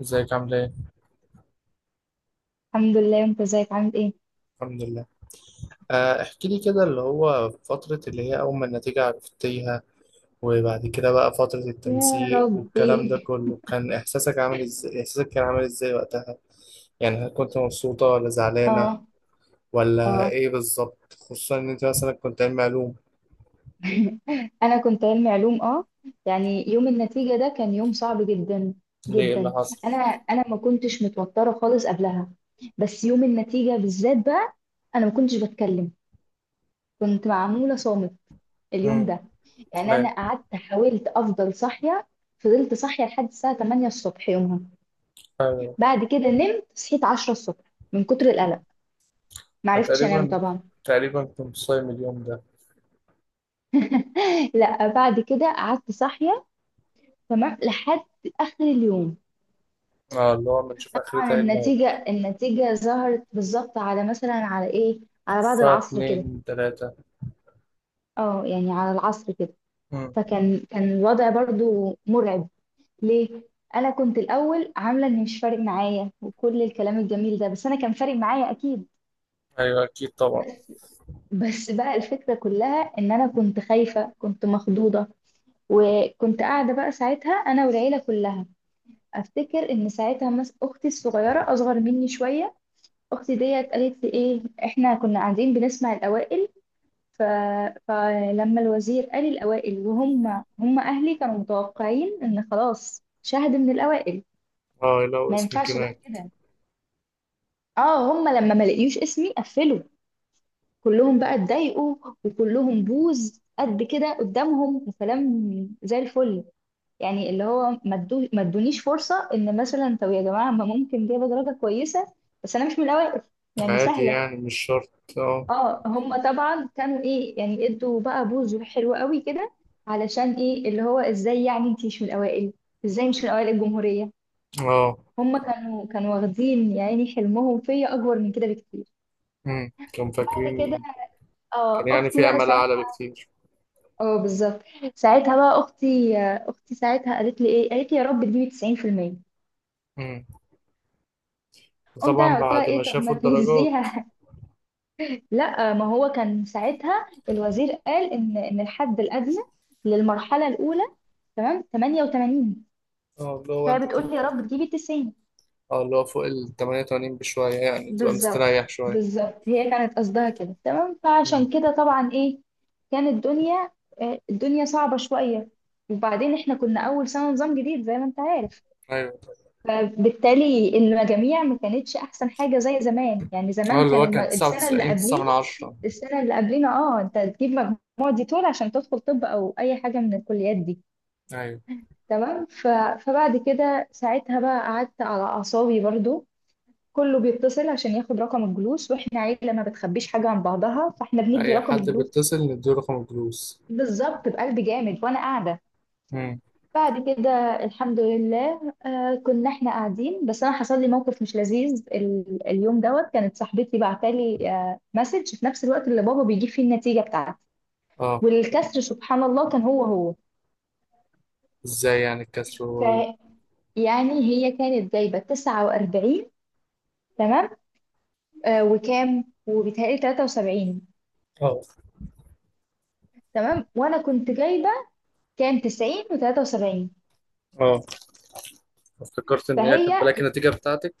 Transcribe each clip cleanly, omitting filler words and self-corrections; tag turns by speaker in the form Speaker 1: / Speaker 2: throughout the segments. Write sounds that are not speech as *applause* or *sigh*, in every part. Speaker 1: ازيك عاملة ايه؟
Speaker 2: الحمد لله. انت ازيك عامل ايه؟
Speaker 1: الحمد لله. احكي لي كده اللي هو فترة اللي هي أول ما النتيجة عرفتيها، وبعد كده بقى فترة
Speaker 2: يا
Speaker 1: التنسيق والكلام ده
Speaker 2: ربي.
Speaker 1: كله كان إحساسك كان عامل ازاي وقتها؟ يعني هل كنت مبسوطة ولا زعلانة
Speaker 2: اه.
Speaker 1: ولا
Speaker 2: اه.
Speaker 1: ايه بالظبط؟ خصوصا إن أنت مثلا كنت علمي علوم.
Speaker 2: *laughs* انا كنت علمي علوم، اه. يعني يوم النتيجة ده كان يوم صعب جدا
Speaker 1: ليه إيه اللي
Speaker 2: جدا.
Speaker 1: حصل؟
Speaker 2: انا انا ما كنتش متوترة خالص قبلها، بس يوم النتيجة بالذات بقى انا ما كنتش بتكلم، كنت معمولة صامت اليوم
Speaker 1: امم
Speaker 2: ده. يعني
Speaker 1: أيوه،
Speaker 2: انا قعدت حاولت افضل صاحية، فضلت صاحية لحد الساعة 8 الصبح يومها.
Speaker 1: أيوه،
Speaker 2: بعد كده نمت، صحيت 10 الصبح، من كتر القلق ما
Speaker 1: أنا
Speaker 2: عرفتش انام
Speaker 1: تقريبا
Speaker 2: طبعا.
Speaker 1: تقريبا كنت صايم اليوم ده.
Speaker 2: *laughs* لا، بعد كده قعدت صاحية تمام لحد آخر اليوم.
Speaker 1: اه، اللي هو ما نشوف آخرتها
Speaker 2: طبعا
Speaker 1: ايه النهاردة.
Speaker 2: النتيجة ظهرت بالظبط على مثلا على إيه، على بعد
Speaker 1: الساعة
Speaker 2: العصر كده.
Speaker 1: اتنين تلاتة.
Speaker 2: اه يعني على العصر كده.
Speaker 1: امم
Speaker 2: فكان الوضع برضو مرعب. ليه؟ أنا كنت الأول عاملة إن مش فارق معايا وكل الكلام الجميل ده، بس أنا كان فارق معايا أكيد.
Speaker 1: أيوه أكيد طبعا.
Speaker 2: بس بس بقى الفكرة كلها إن أنا كنت خايفة، كنت مخضوضة. وكنت قاعدة بقى ساعتها أنا والعيلة كلها. افتكر ان ساعتها اختي الصغيره اصغر مني شويه، اختي ديت قالت لي ايه، احنا كنا قاعدين بنسمع الاوائل. ف... فلما الوزير قال الاوائل وهم اهلي كانوا متوقعين ان خلاص شاهد من الاوائل،
Speaker 1: اه، لو
Speaker 2: ما
Speaker 1: اسم
Speaker 2: ينفعش بقى
Speaker 1: كمان.
Speaker 2: كده. اه، هم لما ما لقيوش اسمي قفلوا، كلهم بقى اتضايقوا، وكلهم بوز قد كده قدامهم وكلام، زي الفل. يعني اللي هو ما تدونيش فرصة ان مثلا، طب يا جماعة ما ممكن جايبة درجة كويسة، بس انا مش من الاوائل، يعني
Speaker 1: عادي
Speaker 2: سهلة.
Speaker 1: يعني مش شرط. اه.
Speaker 2: اه، هم طبعا كانوا ايه، يعني ادوا بقى بوز حلو قوي كده، علشان ايه اللي هو ازاي يعني انتي مش من الاوائل، ازاي مش من اوائل الجمهورية.
Speaker 1: اه.
Speaker 2: هم كانوا واخدين يا عيني حلمهم فيا اكبر من كده بكتير.
Speaker 1: كانوا
Speaker 2: بعد كده،
Speaker 1: فاكرين، كان
Speaker 2: اه،
Speaker 1: يعني
Speaker 2: اختي
Speaker 1: في
Speaker 2: بقى
Speaker 1: امل اعلى
Speaker 2: ساعتها،
Speaker 1: بكتير.
Speaker 2: اه بالظبط. ساعتها بقى اختي ساعتها قالت لي ايه، قالت لي يا رب تجيبي 90%.
Speaker 1: امم
Speaker 2: قمت
Speaker 1: طبعا
Speaker 2: انا قلت لها
Speaker 1: بعد ما
Speaker 2: ايه، طب ما
Speaker 1: شافوا الدرجات.
Speaker 2: تهزيها. لا، ما هو كان ساعتها الوزير قال ان الحد الادنى للمرحله الاولى تمام 88،
Speaker 1: اه، اللي هو انت
Speaker 2: فهي بتقول لي يا
Speaker 1: تبقى.
Speaker 2: رب تجيبي 90.
Speaker 1: اه، اللي هو فوق ال 88 بشوية يعني تبقى
Speaker 2: بالظبط،
Speaker 1: مستريح شوية.
Speaker 2: بالظبط، هي كانت قصدها كده تمام،
Speaker 1: امم
Speaker 2: فعشان كده طبعا ايه، كانت الدنيا صعبه شويه. وبعدين احنا كنا اول سنه نظام جديد زي ما انت عارف،
Speaker 1: ايوه.
Speaker 2: فبالتالي المجاميع ما كانتش احسن حاجه زي زمان. يعني
Speaker 1: اه،
Speaker 2: زمان
Speaker 1: اللي
Speaker 2: كان
Speaker 1: هو كان
Speaker 2: السنه اللي
Speaker 1: 99 9 من
Speaker 2: قبلينا،
Speaker 1: 10.
Speaker 2: السنة اللي قبلينا، اه، انت تجيب مجموع دي طول عشان تدخل طب او اي حاجة من الكليات دي.
Speaker 1: ايوه.
Speaker 2: تمام. فبعد كده ساعتها بقى قعدت على اعصابي برضو. كله بيتصل عشان ياخد رقم الجلوس، واحنا عيلة ما بتخبيش حاجة عن بعضها، فاحنا بندي
Speaker 1: اي
Speaker 2: رقم
Speaker 1: حد
Speaker 2: الجلوس
Speaker 1: بيتصل نديله رقم الجلوس.
Speaker 2: بالظبط، بقلب جامد وانا قاعدة.
Speaker 1: امم
Speaker 2: بعد كده، الحمد لله، آه، كنا احنا قاعدين، بس انا حصل لي موقف مش لذيذ. اليوم دوت كانت صاحبتي بعتالي آه مسج في نفس الوقت اللي بابا بيجيب فيه النتيجة بتاعته،
Speaker 1: اه.
Speaker 2: والكسر سبحان الله كان هو هو.
Speaker 1: ازاي يعني الكسر و-.
Speaker 2: فيعني هي كانت جايبة 49 تمام، آه، وكام، وبيتهيألي 73.
Speaker 1: اه.
Speaker 2: تمام، وأنا كنت جايبة كام، 90 و73.
Speaker 1: اه، افتكرت ان هي
Speaker 2: فهي
Speaker 1: كانت بلاقي النتيجة بتاعتك.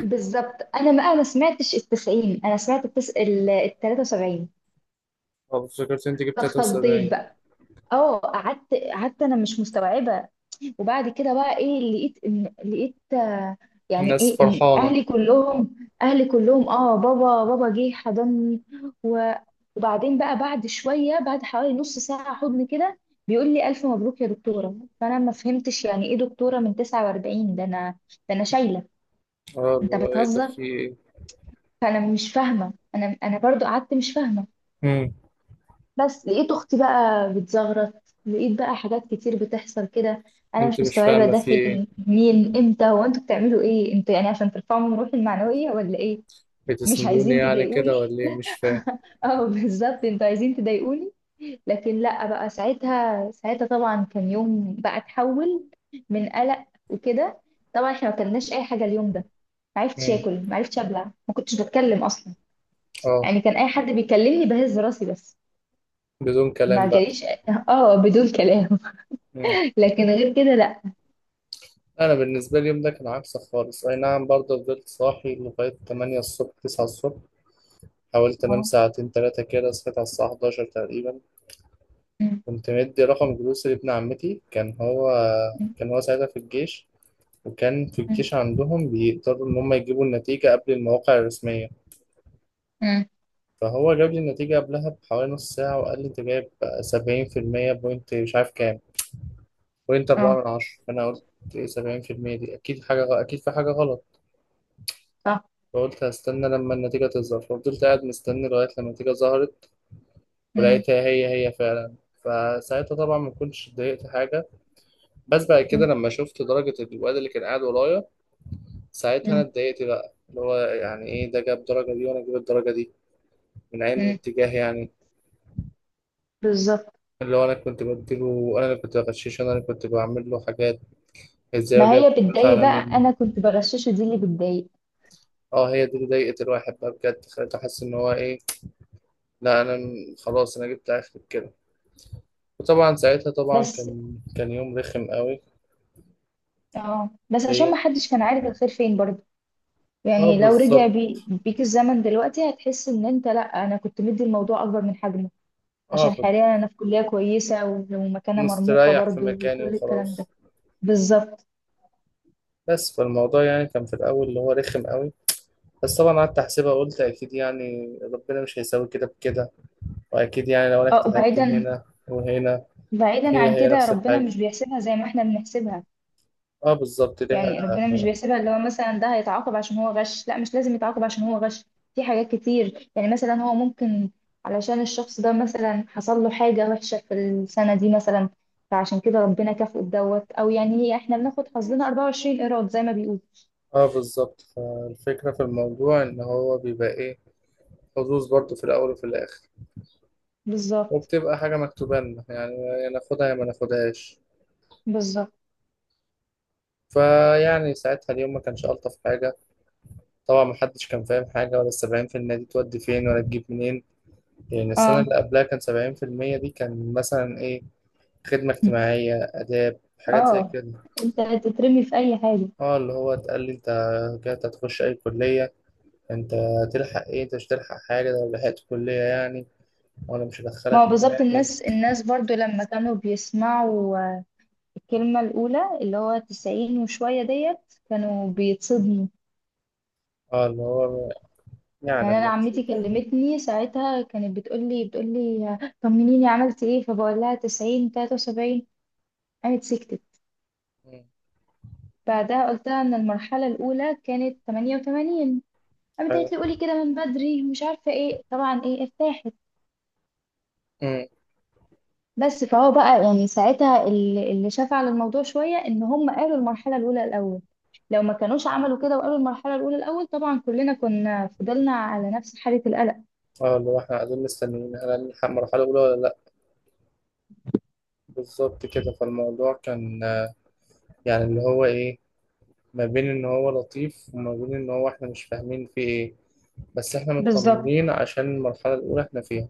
Speaker 2: بالظبط، أنا ما سمعتش ال 90، أنا سمعت ال 73،
Speaker 1: اه، افتكرت ان انت جبت
Speaker 2: فاتخضيت
Speaker 1: 73.
Speaker 2: بقى. اه، قعدت أنا مش مستوعبة. وبعد كده بقى ايه، لقيت ان لقيت. يعني
Speaker 1: الناس
Speaker 2: ايه، ان
Speaker 1: فرحانة.
Speaker 2: اهلي كلهم، اه، بابا جه حضني و- وبعدين بقى بعد شويه، بعد حوالي نص ساعه حضن كده، بيقول لي الف مبروك يا دكتوره. فانا ما فهمتش يعني ايه دكتوره من 49، ده انا، ده انا شايله
Speaker 1: اه، اللي
Speaker 2: انت
Speaker 1: هو ايه ده
Speaker 2: بتهزر.
Speaker 1: في ايه.
Speaker 2: فانا مش فاهمه، انا برضو قعدت مش فاهمه.
Speaker 1: مم.
Speaker 2: بس لقيت اختي بقى بتزغرط، لقيت بقى حاجات كتير بتحصل كده، انا
Speaker 1: انت
Speaker 2: مش
Speaker 1: مش
Speaker 2: مستوعبه
Speaker 1: فاهمة
Speaker 2: ده
Speaker 1: في ايه.
Speaker 2: فين مين امتى، هو انتوا بتعملوا ايه، انتوا يعني عشان ترفعوا من روحي المعنويه ولا ايه، مش
Speaker 1: بتسندوني
Speaker 2: عايزين
Speaker 1: يعني كده
Speaker 2: تضايقوني؟
Speaker 1: ولا ايه مش فاهم.
Speaker 2: *laughs* اه بالظبط، انتوا عايزين تضايقوني. لكن لا، بقى ساعتها طبعا كان يوم بقى اتحول من قلق وكده. طبعا احنا ما كلناش اي حاجه اليوم ده، ما عرفتش
Speaker 1: مم.
Speaker 2: اكل، ما عرفتش ابلع، ما كنتش بتكلم اصلا.
Speaker 1: اه،
Speaker 2: يعني كان اي حد بيكلمني بهز راسي بس،
Speaker 1: بدون
Speaker 2: ما
Speaker 1: كلام بقى.
Speaker 2: جاليش، اه، بدون كلام.
Speaker 1: مم.
Speaker 2: لكن غير كده لا.
Speaker 1: انا بالنسبة لي اليوم ده كان عكسك خالص، اي نعم برضه فضلت صاحي لغاية 8 الصبح، 9 الصبح. حاولت انام
Speaker 2: اه.
Speaker 1: ساعتين تلاتة كده، صحيت على الساعة 11 تقريبا.
Speaker 2: مم.
Speaker 1: كنت مدي رقم جلوس لابن عمتي، كان هو
Speaker 2: مم.
Speaker 1: كان هو ساعتها في الجيش. وكان في
Speaker 2: مم.
Speaker 1: الجيش عندهم بيقدروا ان هم يجيبوا النتيجة قبل المواقع الرسمية.
Speaker 2: مم.
Speaker 1: فهو جاب لي النتيجة قبلها بحوالي نص ساعة، وقال لي أنت جايب 70% بوينت مش عارف كام، بوينت أربعة
Speaker 2: اه،
Speaker 1: من عشرة. فأنا قلت إيه 70% دي؟ أكيد حاجة أكيد في حاجة غلط.
Speaker 2: صح.
Speaker 1: فقلت هستنى لما النتيجة تظهر، ففضلت قاعد مستني لغاية لما النتيجة ظهرت.
Speaker 2: مم.
Speaker 1: ولقيتها هي هي فعلا. فساعتها طبعا ما كنتش اتضايقت حاجة. بس بعد كده
Speaker 2: مم.
Speaker 1: لما شفت درجة الواد اللي كان قاعد ورايا، ساعتها أنا
Speaker 2: مم.
Speaker 1: اتضايقت بقى. اللي هو يعني إيه ده جاب الدرجة دي وأنا أجيب الدرجة دي؟ من عين
Speaker 2: مم.
Speaker 1: اتجاه يعني.
Speaker 2: بالظبط.
Speaker 1: اللي هو انا كنت بديله، انا اللي كنت بغششه، انا اللي كنت بعمل له حاجات. ازاي
Speaker 2: ما
Speaker 1: وجاب
Speaker 2: هي
Speaker 1: فلوس
Speaker 2: بتضايق
Speaker 1: على
Speaker 2: بقى،
Speaker 1: من؟
Speaker 2: انا كنت بغششه، دي اللي بتضايق.
Speaker 1: اه، هي دي اللي ضايقت الواحد بقى بجد، خليته حس ان هو ايه. لا انا خلاص، انا جبت اخر كده. وطبعا ساعتها طبعا
Speaker 2: بس،
Speaker 1: كان يوم رخم قوي.
Speaker 2: اه، عشان
Speaker 1: ليا.
Speaker 2: ما حدش كان عارف الخير فين برضه.
Speaker 1: اه
Speaker 2: يعني لو رجع
Speaker 1: بالظبط.
Speaker 2: بيك الزمن دلوقتي، هتحس ان انت لا. انا كنت مدي الموضوع اكبر من حجمه،
Speaker 1: اه
Speaker 2: عشان
Speaker 1: كنت
Speaker 2: حاليا انا في كلية كويسة ومكانة مرموقة
Speaker 1: مستريح في
Speaker 2: برضه
Speaker 1: مكاني
Speaker 2: وكل الكلام ده.
Speaker 1: وخلاص.
Speaker 2: بالظبط.
Speaker 1: بس فالموضوع يعني كان في الاول اللي هو رخم قوي. بس طبعا قعدت احسبها، قلت اكيد يعني ربنا مش هيساوي كده بكده، واكيد يعني لو انا
Speaker 2: اه
Speaker 1: اجتهدت
Speaker 2: وبعيدا،
Speaker 1: هنا وهنا.
Speaker 2: بعيدا
Speaker 1: هي
Speaker 2: عن
Speaker 1: هي
Speaker 2: كده،
Speaker 1: نفس
Speaker 2: ربنا
Speaker 1: الحاجه.
Speaker 2: مش بيحسبها زي ما احنا بنحسبها.
Speaker 1: اه بالظبط ليها.
Speaker 2: يعني ربنا مش بيحسبها اللي هو مثلا ده هيتعاقب عشان هو غش، لا، مش لازم يتعاقب عشان هو غش. في حاجات كتير، يعني مثلا هو ممكن علشان الشخص ده مثلا حصل له حاجة وحشة في السنة دي مثلا، فعشان كده ربنا كافئه بدوت. او يعني هي احنا بناخد حظنا 24 قيراط زي ما بيقول.
Speaker 1: اه بالظبط، فالفكرة في الموضوع ان هو بيبقى ايه، حظوظ برضو في الاول وفي الاخر.
Speaker 2: بالظبط،
Speaker 1: وبتبقى حاجة مكتوبة لنا يعني، يا ناخدها يا ما ناخدهاش.
Speaker 2: بالظبط.
Speaker 1: فيعني ساعتها اليوم ما كانش ألطف حاجة. طبعا محدش كان فاهم حاجة، ولا السبعين في المية دي تودي فين ولا تجيب منين. يعني السنة
Speaker 2: اه،
Speaker 1: اللي قبلها كان 70% دي كان مثلا ايه، خدمة اجتماعية، آداب، حاجات زي
Speaker 2: اه.
Speaker 1: كده.
Speaker 2: انت تترمي في اي حاجة.
Speaker 1: اه اللي هو اتقال لي انت كده هتخش اي كلية، انت هتلحق ايه، انت مش هتلحق حاجة، ده لو لحقت كلية يعني. وانا مش
Speaker 2: ما
Speaker 1: هدخلك
Speaker 2: هو بالظبط،
Speaker 1: معايا هنا.
Speaker 2: الناس برضو لما كانوا بيسمعوا الكلمة الأولى اللي هو 90 وشوية ديت كانوا بيتصدموا.
Speaker 1: اه اللي هو يعني
Speaker 2: يعني انا
Speaker 1: اما
Speaker 2: عمتي
Speaker 1: نشوف.
Speaker 2: كلمتني ساعتها، كانت بتقول لي، طمنيني عملت ايه، فبقول لها 90 73، قامت سكتت.
Speaker 1: مم.
Speaker 2: بعدها قلت لها ان المرحله الاولى كانت 88، قامت
Speaker 1: ايوه.
Speaker 2: قالت لي قولي كده من بدري مش عارفه ايه، طبعا ايه ارتاحت.
Speaker 1: مم.
Speaker 2: بس فهو بقى يعني ساعتها اللي شاف على الموضوع شويه ان هم قالوا المرحله الاولى الاول. لو ما كانوش عملوا كده وقالوا المرحله الاولى الاول، طبعا كلنا كنا فضلنا على نفس حاله القلق.
Speaker 1: اه اللي هو احنا قاعدين مستنيين هل هنلحق مرحلة أولى ولا لأ. بالظبط كده، فالموضوع كان يعني اللي هو إيه، ما بين إن هو لطيف وما بين إن هو احنا مش فاهمين فيه إيه. بس احنا
Speaker 2: بالظبط،
Speaker 1: مطمنين عشان المرحلة الأولى احنا فيها.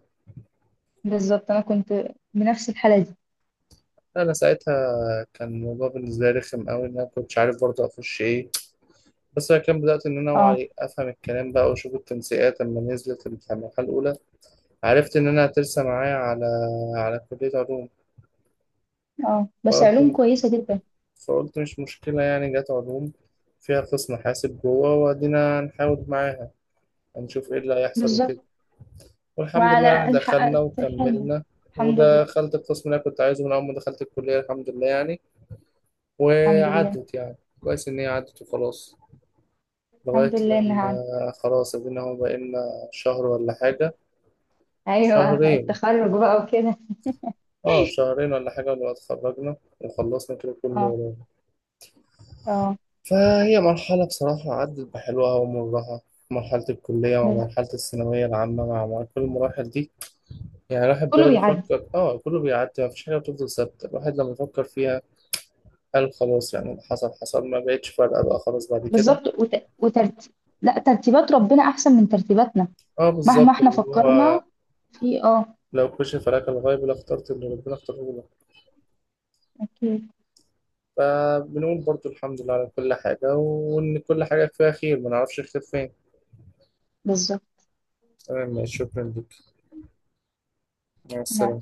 Speaker 2: بالظبط، انا كنت بنفس الحاله دي.
Speaker 1: أنا ساعتها كان الموضوع بالنسبة لي رخم أوي، إن أنا كنتش عارف برضه أخش إيه. بس أنا كان بدأت إن أنا
Speaker 2: اه،
Speaker 1: أوعى أفهم الكلام بقى، وأشوف التنسيقات لما نزلت في المرحلة الأولى. عرفت إن أنا هترسى معايا على كلية علوم.
Speaker 2: اه. بس
Speaker 1: فقلت
Speaker 2: علوم كويسة جدا.
Speaker 1: فقلت مش مشكلة يعني، جت علوم فيها قسم حاسب جوه، وأدينا هنحاول معاها، هنشوف إيه اللي هيحصل وكده.
Speaker 2: بالظبط.
Speaker 1: والحمد
Speaker 2: وعلى
Speaker 1: لله يعني
Speaker 2: الأقل
Speaker 1: دخلنا
Speaker 2: حققت حلمي،
Speaker 1: وكملنا،
Speaker 2: الحمد لله.
Speaker 1: ودخلت القسم اللي أنا كنت عايزه من أول ما دخلت الكلية الحمد لله يعني.
Speaker 2: الحمد لله.
Speaker 1: وعدت يعني كويس إن هي عدت وخلاص. لغاية
Speaker 2: الحمد لله إنها
Speaker 1: لما
Speaker 2: عدت.
Speaker 1: خلاص أدينا هو بقالنا شهر ولا حاجة،
Speaker 2: أيوة،
Speaker 1: شهرين.
Speaker 2: التخرج بقى وكده.
Speaker 1: اه، شهرين ولا حاجة، ولا اتخرجنا وخلصنا كده
Speaker 2: اه.
Speaker 1: كله.
Speaker 2: اه.
Speaker 1: فهي مرحلة بصراحة عدت بحلوها ومرها، مرحلة الكلية مع
Speaker 2: بس
Speaker 1: مرحلة الثانوية العامة مع كل المراحل دي. يعني الواحد
Speaker 2: كله
Speaker 1: بيقعد
Speaker 2: بيعدي.
Speaker 1: يفكر اه كله بيعدي، مفيش حاجة بتفضل ثابتة الواحد لما يفكر فيها. قال خلاص يعني اللي حصل حصل، ما بقتش فارقة بقى خلاص بعد كده.
Speaker 2: بالظبط. لا، ترتيبات ربنا أحسن من ترتيباتنا،
Speaker 1: اه
Speaker 2: مهما
Speaker 1: بالظبط،
Speaker 2: احنا
Speaker 1: اللي هو
Speaker 2: فكرنا في، اه.
Speaker 1: لو كشف لك الغيب لاخترت اللي ربنا اختاره لك.
Speaker 2: أكيد.
Speaker 1: فبنقول برضو الحمد لله على كل حاجة، وإن كل حاجة فيها خير ما نعرفش الخير فين.
Speaker 2: بالظبط.
Speaker 1: تمام ماشي، شكرا لك. مع
Speaker 2: نعم، نعم.
Speaker 1: السلامة.